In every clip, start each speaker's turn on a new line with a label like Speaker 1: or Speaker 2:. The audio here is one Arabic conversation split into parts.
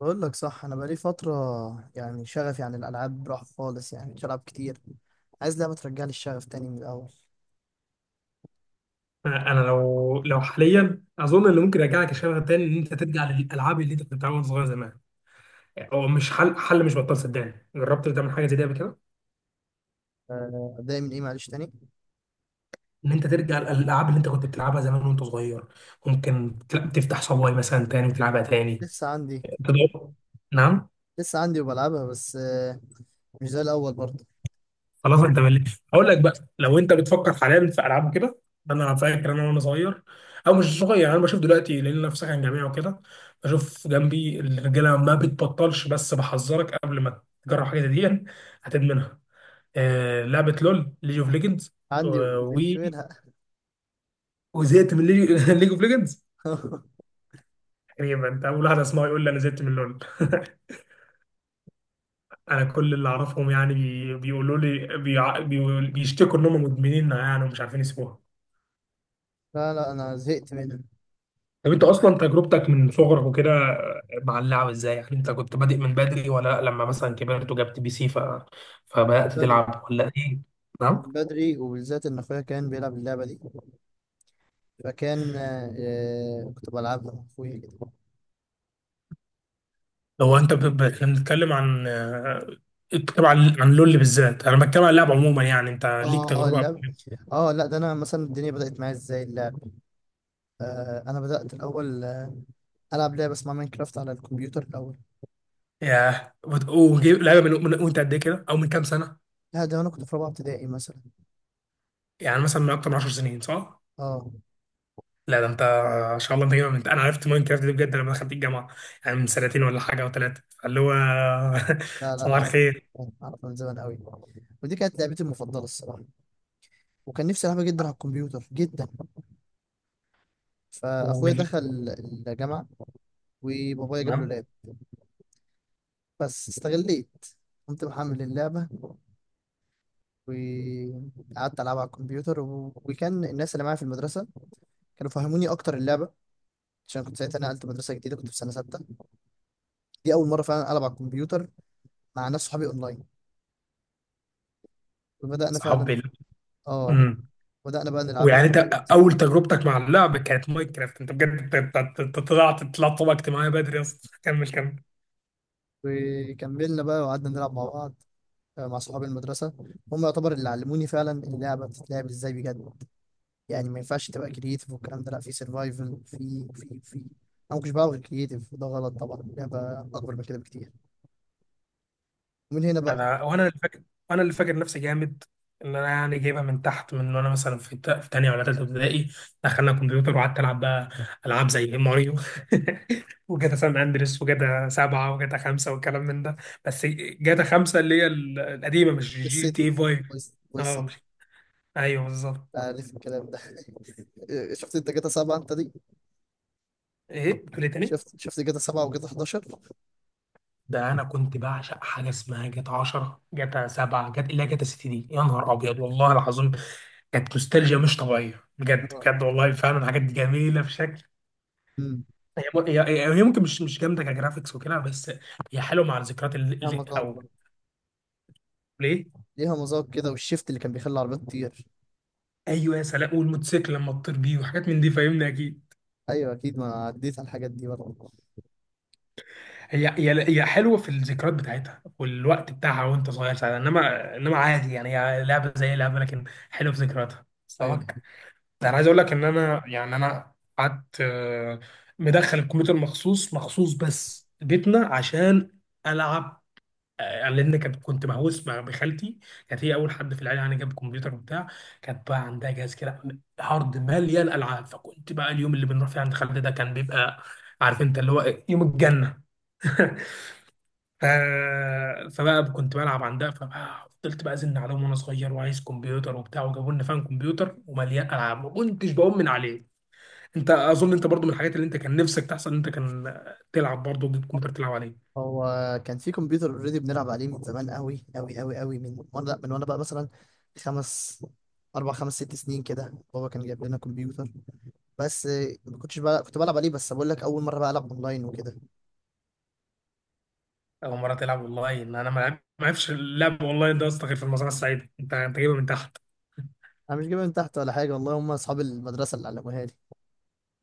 Speaker 1: بقول لك صح، انا بقالي فتره يعني شغفي عن الالعاب راح خالص، يعني مش العب كتير. عايز لعبه ترجع لي الشغف تاني من الاول.
Speaker 2: انا لو حاليا اظن اللي ممكن يرجعك الشغف تاني ان انت ترجع للالعاب اللي انت كنت بتلعبها وانت صغير زمان. هو مش حل مش بطال، صدقني. جربت تعمل حاجه زي دي قبل كده،
Speaker 1: آه، ابدا من ايه معلش تاني.
Speaker 2: ان انت ترجع للالعاب اللي انت كنت بتلعبها زمان وانت صغير. ممكن تفتح صواي مثلا تاني وتلعبها تاني.
Speaker 1: لسه عندي.
Speaker 2: تدور. نعم.
Speaker 1: لسه عندي وبلعبها بس مش زي الاول برضه.
Speaker 2: خلاص انت ملي. اقول لك بقى، لو انت بتفكر حاليا في العاب كده، انا فاكر انا وانا صغير، او مش صغير يعني انا بشوف دلوقتي لان انا في سكن جامعي وكده بشوف جنبي الرجاله ما بتبطلش، بس بحذرك قبل ما تجرب حاجه زي دي هتدمنها. آه، لعبه لول، ليج اوف ليجندز.
Speaker 1: عندي
Speaker 2: و
Speaker 1: وزهقت منها.
Speaker 2: وزهقت من ليج اوف ليجندز. تقريبا انت اول واحد اسمعه يقول لي انا زهقت من لول. انا كل اللي اعرفهم يعني بيقولوا لي بيشتكوا انهم مدمنينها يعني ومش عارفين يسيبوها.
Speaker 1: لا لا، انا زهقت منها.
Speaker 2: طب انت اصلا تجربتك من صغرك وكده مع اللعب ازاي؟ يعني انت كنت بادئ من بدري ولا لا؟ لما مثلا كبرت وجبت بي سي فبدأت
Speaker 1: بدري،
Speaker 2: تلعب ولا ايه؟ نعم.
Speaker 1: من بدري وبالذات ان اخويا كان بيلعب اللعبه دي، فكان كنت بلعبها مع اخويا كده.
Speaker 2: هو انت احنا بنتكلم عن، بنتكلم عن لول بالذات. انا بتكلم عن اللعب عموما، يعني انت ليك
Speaker 1: اه اه
Speaker 2: تجربه.
Speaker 1: اللعبه. اه، لا ده انا مثلا الدنيا بدات معايا ازاي. انا بدات الاول، العب لعبه اسمها ماينكرافت على الكمبيوتر الاول.
Speaker 2: ياه، لعبه وانت قد ايه كده او من كام سنه؟
Speaker 1: لا، ده انا كنت في رابعه ابتدائي مثلا.
Speaker 2: يعني مثلا من اكتر من 10 سنين، صح؟
Speaker 1: اه.
Speaker 2: لا ده انت، ان شاء الله انت جايبها انا عرفت ماين كرافت دي بجد لما دخلت الجامعه، يعني من سنتين ولا حاجه او ثلاثه، اللي هو
Speaker 1: لا لا،
Speaker 2: صباح
Speaker 1: اعرف.
Speaker 2: الخير.
Speaker 1: اعرف من زمان قوي، ودي كانت لعبتي المفضله الصراحه، وكان نفسي العبها جدا على الكمبيوتر جدا. فاخويا
Speaker 2: وال...
Speaker 1: دخل الجامعه، وبابايا جاب له
Speaker 2: تمام.
Speaker 1: لاب، بس استغليت، قمت محمل اللعبه وقعدت العبها على الكمبيوتر و... وكان الناس اللي معايا في المدرسه كانوا فهموني اكتر اللعبه، عشان كنت ساعتها نقلت مدرسه جديده، كنت في سنه سته. دي اول مره فعلا العب على الكمبيوتر مع ناس صحابي اونلاين، وبدأنا فعلا.
Speaker 2: صحاب
Speaker 1: اه.
Speaker 2: امم
Speaker 1: بدأنا بقى
Speaker 2: ويعني
Speaker 1: نلعبها،
Speaker 2: انت اول تجربتك مع اللعب كانت ماينكرافت؟ انت بجد؟ انت طلعت طبقة اجتماعية بدري يا اسطى، كمل كمل.
Speaker 1: وكملنا بقى وقعدنا نلعب مع بعض، آه، مع صحاب المدرسة. هم يعتبر اللي علموني فعلا اللعبة بتتلعب ازاي بجد. يعني ما ينفعش تبقى كرييتيف والكلام ده، لا، في سرفايفل، في انا ما كنتش بعرف غير كرييتيف، وده غلط طبعا، اللعبة اكبر من كده بكتير. ومن هنا بقى.
Speaker 2: انا وانا اللي فاكر، وانا اللي فاكر نفسي جامد، ان انا يعني جايبها من تحت، من وانا مثلا في في تانية ولا تالتة ابتدائي دخلنا كمبيوتر وقعدت العب بقى العاب زي ماريو. وجاتا سان اندريس وجاتا سبعة وجاتا خمسة والكلام من ده. بس جاتا خمسة اللي هي القديمة، مش جي تي إيه
Speaker 1: السيتي
Speaker 2: فايف. اه،
Speaker 1: والسيتي.
Speaker 2: مش، ايوه بالظبط.
Speaker 1: عارف الكلام ده. شفت انت جاتا سبعة انت دي؟
Speaker 2: ايه بتقول ايه تاني؟
Speaker 1: شفت شفت جاتا سبعة وجاتا 11.
Speaker 2: ده انا كنت بعشق حاجه اسمها جاتا 10، جاتا 7، جاتا اللي هي جاتا 6، دي يا نهار ابيض والله العظيم، كانت نوستالجيا مش طبيعيه بجد
Speaker 1: اه.
Speaker 2: بجد والله. فعلا الحاجات دي جميله بشكل.
Speaker 1: أمم.
Speaker 2: هي هي ممكن مش جامده كجرافيكس وكده، بس هي حلوه مع الذكريات
Speaker 1: يا مطار،
Speaker 2: او، ليه؟
Speaker 1: ليها مذاق كده، والشيفت اللي كان بيخلي العربيات تطير.
Speaker 2: ايوه، يا سلام، والموتوسيكل لما تطير بيه وحاجات من دي، فاهمني اكيد.
Speaker 1: ايوه اكيد، ما عديت على الحاجات دي برضه.
Speaker 2: هي حلوه في الذكريات بتاعتها والوقت بتاعها وانت صغير ساعتها، انما عادي يعني، هي لعبه زي لعبه، لكن حلوه في ذكرياتها.
Speaker 1: ايوه دي.
Speaker 2: ده انا عايز اقول
Speaker 1: خلاص.
Speaker 2: لك ان انا يعني انا قعدت، مدخل الكمبيوتر مخصوص مخصوص بس بيتنا عشان العب، لان كنت مهووس. مع بخالتي، كانت هي اول حد في العيله يعني جاب كمبيوتر وبتاع. كانت بقى عندها جهاز كده، هارد مليان العاب، فكنت بقى اليوم اللي بنروح فيه عند خالتي ده كان بيبقى، عارف انت اللي هو إيه، يوم الجنه. ف... فبقى كنت بلعب عندها، فبقى فضلت بقى ازن عليهم وانا صغير وعايز كمبيوتر وبتاع، وجابوا لنا فاهم كمبيوتر ومليان العاب، ما كنتش بقوم من عليه. انت اظن انت برضو من الحاجات اللي انت كان نفسك تحصل ان انت كان تلعب برضو ضد كمبيوتر تلعب عليه؟
Speaker 1: هو كان في كمبيوتر اوريدي بنلعب عليه من زمان قوي قوي قوي قوي، من وانا لا، من وانا بقى مثلا خمس، اربع خمس ست سنين كده، بابا كان جايب لنا كمبيوتر. بس ما كنتش بقى كنت بلعب عليه، بس بقول لك اول مره بقى العب اونلاين وكده.
Speaker 2: اول مره تلعب والله ان انا ما عرفش اللعب والله، ده يا اسطى غير في المزرعه السعيده. انت جايبها من تحت.
Speaker 1: انا مش جايبها من تحت ولا حاجه والله، هم اصحاب المدرسه اللي علموها لي.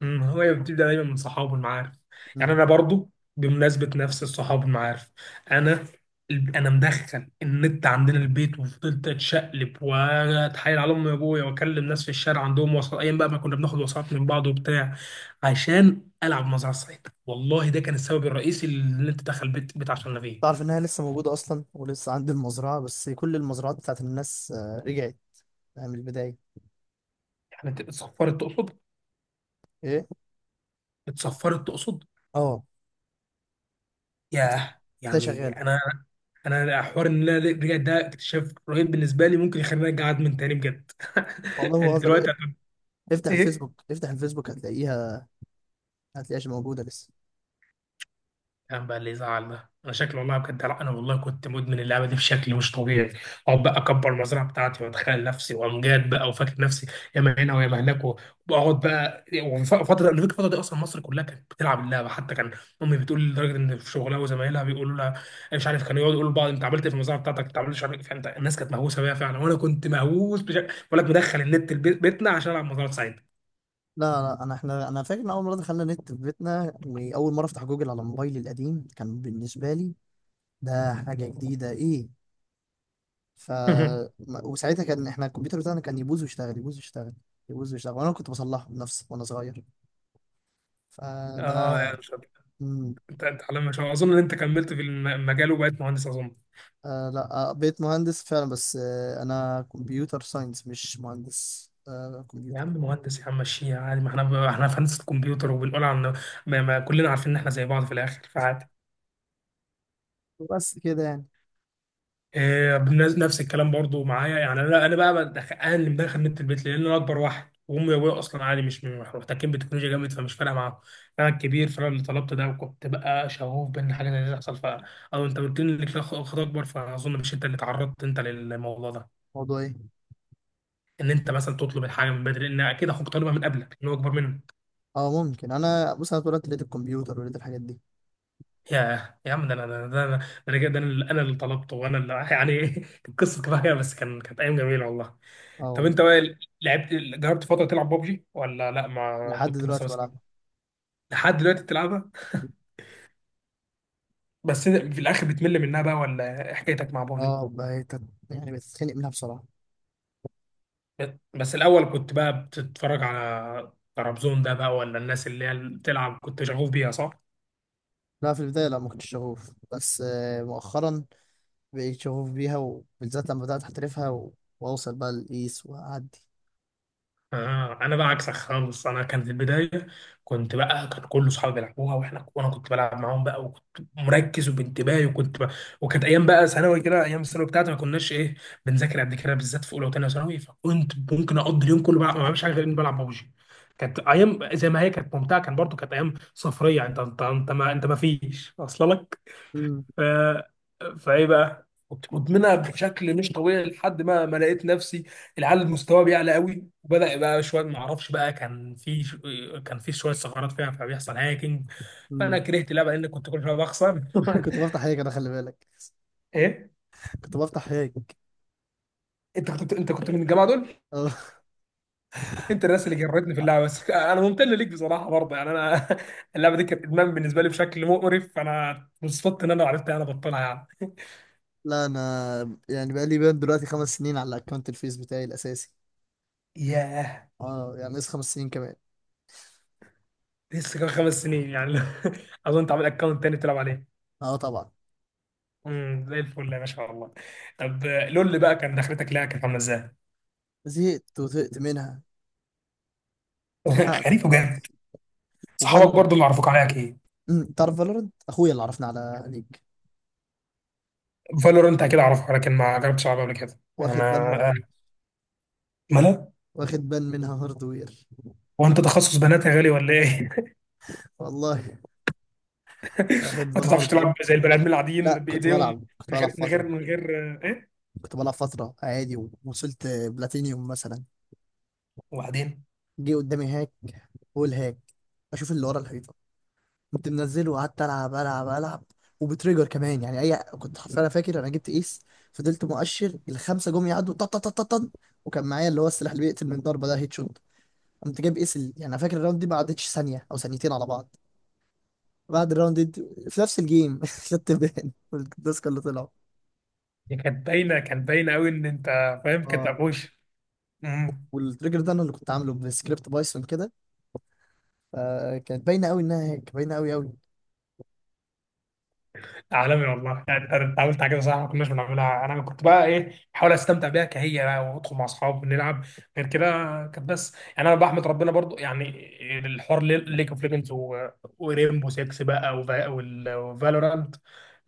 Speaker 2: هو بتبدأ دايما من صحابه المعارف. يعني
Speaker 1: مم.
Speaker 2: انا برضو بمناسبة نفس الصحاب المعارف، انا انا مدخل النت عندنا البيت وفضلت اتشقلب واتحايل على امي وابويا واكلم ناس في الشارع عندهم، وسط ايام بقى ما كنا بناخد وسط من بعض وبتاع، عشان العب مزرعة السعيدة. والله ده كان السبب الرئيسي اللي انت دخل بيت بيت عشان فيه.
Speaker 1: تعرف انها لسه موجوده اصلا، ولسه عندي المزرعه، بس كل المزرعات بتاعت الناس، آه، رجعت يعني من البدايه.
Speaker 2: يعني اتصفرت تقصد؟
Speaker 1: ايه.
Speaker 2: اتصفرت تقصد.
Speaker 1: اه.
Speaker 2: ياه
Speaker 1: لسه
Speaker 2: يعني
Speaker 1: شغاله.
Speaker 2: انا، انا حوار ان انا رجعت ده اكتشاف رهيب بالنسبه لي، ممكن يخليني ارجع ادمن تاني بجد.
Speaker 1: والله ما
Speaker 2: انت
Speaker 1: بهزر،
Speaker 2: دلوقتي
Speaker 1: افتح
Speaker 2: ايه
Speaker 1: الفيسبوك افتح الفيسبوك هتلاقيها. هتلاقيهاش موجوده لسه.
Speaker 2: كان بقى اللي يزعل، ده انا شكلي والله بجد. لا انا والله كنت مدمن اللعبه دي بشكل مش طبيعي، اقعد بقى اكبر المزرعه بتاعتي واتخيل نفسي وامجاد بقى، وفاكر نفسي ياما هنا وياما هناك. واقعد بقى، وفتره انا فاكر الفتره دي اصلا مصر كلها كانت بتلعب اللعبه، حتى كان امي بتقول لي لدرجه ان في شغلها وزمايلها بيقولوا لها، مش عارف، كانوا يقعدوا يقولوا لبعض انت عملت إيه في المزرعه بتاعتك، انت عملت مش عارف إيه. فانت الناس كانت مهووسه بيها فعلا، وانا كنت مهووس بشكل بقول لك، مدخل النت بيتنا عشان العب مزرعه سعيد.
Speaker 1: لا لا، انا فاكر ان اول مره دخلنا نت في بيتنا، واول مره افتح جوجل على موبايلي القديم كان بالنسبه لي ده حاجه جديده، ايه. ف ما- وساعتها كان احنا الكمبيوتر بتاعنا كان يبوظ ويشتغل يبوظ ويشتغل يبوظ ويشتغل، وانا كنت بصلحه بنفسي وانا صغير.
Speaker 2: اه
Speaker 1: فده.
Speaker 2: لا، مش عارف.
Speaker 1: مم.
Speaker 2: انت على ما شاء الله اظن ان انت كملت في المجال وبقيت مهندس اظن.
Speaker 1: آه، لا بقيت مهندس فعلا، بس انا كمبيوتر ساينس، مش مهندس
Speaker 2: يا
Speaker 1: كمبيوتر.
Speaker 2: عم مهندس، يا عم مشيها عادي، ما احنا في هندسه كمبيوتر وبنقول عن، ما كلنا عارفين ان احنا زي بعض في الاخر، فعادي.
Speaker 1: بس كده يعني.
Speaker 2: إيه، نفس الكلام برضو معايا، يعني انا اللي مدخل نت البيت، لان انا اكبر واحد، وامي وابويا اصلا عادي مش مش محتكين بالتكنولوجيا جامد، فمش فارقه معاهم. انا الكبير، فانا اللي طلبت ده، وكنت بقى شغوف بان حاجه زي دي تحصل. ف، او انت قلت لي انك، لا اخت اكبر، فاظن مش انت اللي تعرضت انت للموضوع ده،
Speaker 1: موضوع إيه؟
Speaker 2: ان انت مثلا تطلب الحاجه من بدري، لان اكيد اخوك طالبها من قبلك ان هو اكبر منك.
Speaker 1: اه ممكن. انا بص، انا طول الوقت لقيت الكمبيوتر ولقيت الحاجات دي.
Speaker 2: يا عم، ده انا ده انا ده انا ده انا أنا اللي طلبته، وانا اللي يعني القصه كفايه، بس كان كانت ايام جميله والله.
Speaker 1: اه
Speaker 2: طب
Speaker 1: والله.
Speaker 2: انت بقى، لعبت جربت فتره تلعب بابجي ولا لا؟ ما
Speaker 1: لحد
Speaker 2: كنت لسه
Speaker 1: دلوقتي
Speaker 2: مثلا،
Speaker 1: بلعبها.
Speaker 2: لحد دلوقتي بتلعبها؟ بس إنت في الاخر بتمل منها بقى ولا إيه حكايتك مع بابجي؟
Speaker 1: اه، بقيت يعني بتتخنق منها بصراحه.
Speaker 2: بس الاول كنت بقى بتتفرج على ترابزون ده بقى، ولا الناس اللي بتلعب كنت شغوف بيها، صح؟
Speaker 1: لا، في البدايه لا ما كنتش شغوف، بس مؤخرا بقيت شغوف بيها، وبالذات لما بدات احترفها و... واوصل بقى للقيس واعدي.
Speaker 2: آه، انا بقى عكسك خالص، انا كان في البدايه كنت بقى، كان كل اصحابي بيلعبوها، وانا كنت بلعب معاهم بقى، وكنت مركز وبانتباهي وكنت بقى، وكانت ايام بقى ثانوي كده. ايام الثانوي بتاعتي ما كناش ايه، بنذاكر قد كده، بالذات في اولى وثانيه ثانوي، فكنت ممكن اقضي اليوم كله بقى ما بعملش حاجه غير اني بلعب ببجي. كانت ايام زي ما هي، كانت ممتعه، كان برضو كانت ايام صفريه، انت ما فيش واصله لك.
Speaker 1: مم،
Speaker 2: ف... فايه بقى كنت مدمنها بشكل مش طبيعي، لحد ما لقيت نفسي، العيال مستواه بيعلى قوي، وبدا يبقى شويه ما اعرفش بقى، كان في شويه ثغرات فيها، فبيحصل هاكينج.
Speaker 1: مم.
Speaker 2: فانا كرهت اللعبه لان كنت كل شويه بخسر.
Speaker 1: كنت بفتح هيك انا خلي بالك.
Speaker 2: ايه؟
Speaker 1: كنت بفتح هيك.
Speaker 2: انت كنت من الجماعه دول.
Speaker 1: اه.
Speaker 2: انت الناس اللي جرتني في اللعبه، بس انا ممتن ليك بصراحه برضه، يعني انا اللعبه دي كانت ادمان بالنسبه لي بشكل مقرف، فانا انبسطت ان انا عرفت انا بطلها يعني.
Speaker 1: لا انا يعني بقى لي بين دلوقتي خمس سنين على الاكونت الفيس بتاعي الاساسي.
Speaker 2: ياه،
Speaker 1: اه، يعني لسه خمس سنين كمان.
Speaker 2: لسه كمان خمس سنين يعني. اظن تعمل اكونت تاني تلعب عليه.
Speaker 1: اه طبعا.
Speaker 2: زي الفل يا باشا والله. طب لول بقى كان دخلتك لها كانت عامله ازاي؟
Speaker 1: زهقت وزهقت منها. اتخنقت
Speaker 2: غريب وجامد.
Speaker 1: خلاص.
Speaker 2: صحابك برضو
Speaker 1: وفالورنت.
Speaker 2: اللي عرفوك عليها ايه؟
Speaker 1: امم، تعرف فالورنت، اخويا اللي عرفنا على ليج.
Speaker 2: فالورنت اكيد اعرفها، لكن ما جربتش العبها قبل كده
Speaker 1: واخد بان
Speaker 2: انا. آه،
Speaker 1: هاردوير.
Speaker 2: مالها؟
Speaker 1: واخد بان منها هاردوير.
Speaker 2: هو انت تخصص بنات يا غالي ولا ايه؟
Speaker 1: والله. واخد
Speaker 2: ما
Speaker 1: بان
Speaker 2: تعرفش
Speaker 1: هاردوير.
Speaker 2: تلعب زي البني ادمين العاديين
Speaker 1: لا، كنت
Speaker 2: بايديهم،
Speaker 1: بلعب كنت
Speaker 2: من
Speaker 1: بلعب
Speaker 2: غير من
Speaker 1: فترة.
Speaker 2: غير من غير ايه؟
Speaker 1: كنت بلعب فترة عادي، ووصلت بلاتينيوم مثلا.
Speaker 2: وبعدين
Speaker 1: جه قدامي هاك. بقول هاك. اشوف اللي ورا الحيطة. كنت منزله وقعدت العب العب العب. وبتريجر كمان يعني، اي، كنت حرفيا، انا فاكر انا جبت ايس. فضلت مؤشر الخمسة جم يعدوا، طن طن طن طن طن، وكان معايا اللي هو السلاح اللي بيقتل من ضربة، ده هيد شوت. قمت جايب ايس يعني انا فاكر الراوند دي ما عدتش ثانية او ثانيتين على بعض. بعد الراوند دي، في نفس الجيم، خدت بالي، والديسك اللي طلعوا،
Speaker 2: دي كانت باينه قوي ان انت فاهم، كانت
Speaker 1: اه،
Speaker 2: ابوش
Speaker 1: والتريجر ده انا اللي كنت عامله بسكريبت بايثون كده، فكانت باينه قوي انها هيك، باينه قوي قوي.
Speaker 2: عالمي والله. يعني انت عملت حاجه صح ما كناش بنعملها. انا كنت بقى ايه، بحاول استمتع بيها كهي بقى، وادخل مع اصحاب ونلعب، غير كده كانت بس. يعني انا بحمد ربنا برضو، يعني الحوار ليج اوف ليجندز وريمبو 6 بقى وفالورانت،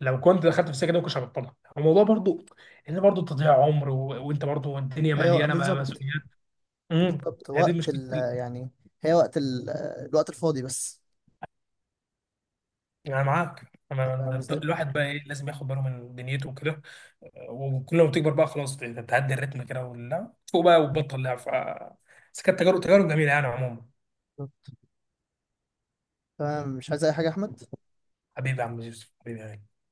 Speaker 2: لو كنت دخلت في السكه دي ما كنتش هبطلها. الموضوع برضو ان برضو تضييع عمر، وانت برضو الدنيا
Speaker 1: ايوه
Speaker 2: مليانه
Speaker 1: بالظبط.
Speaker 2: مسؤوليات. امم
Speaker 1: بالظبط،
Speaker 2: هي دي
Speaker 1: وقت
Speaker 2: مشكله
Speaker 1: ال يعني، هي وقت ال الوقت الفاضي بس.
Speaker 2: انا معاك،
Speaker 1: فاهم قصدي؟
Speaker 2: الواحد بقى ايه، لازم ياخد باله من دنيته وكده. وكل ما تكبر بقى خلاص تتعدي الريتم كده، ولا تفوق بقى وتبطل لعب. ف، بس كانت تجارب جميله يعني عموما.
Speaker 1: فاهم، مش عايز اي حاجه يا احمد؟
Speaker 2: حبيبي يا عم يوسف، حبيبي يعني.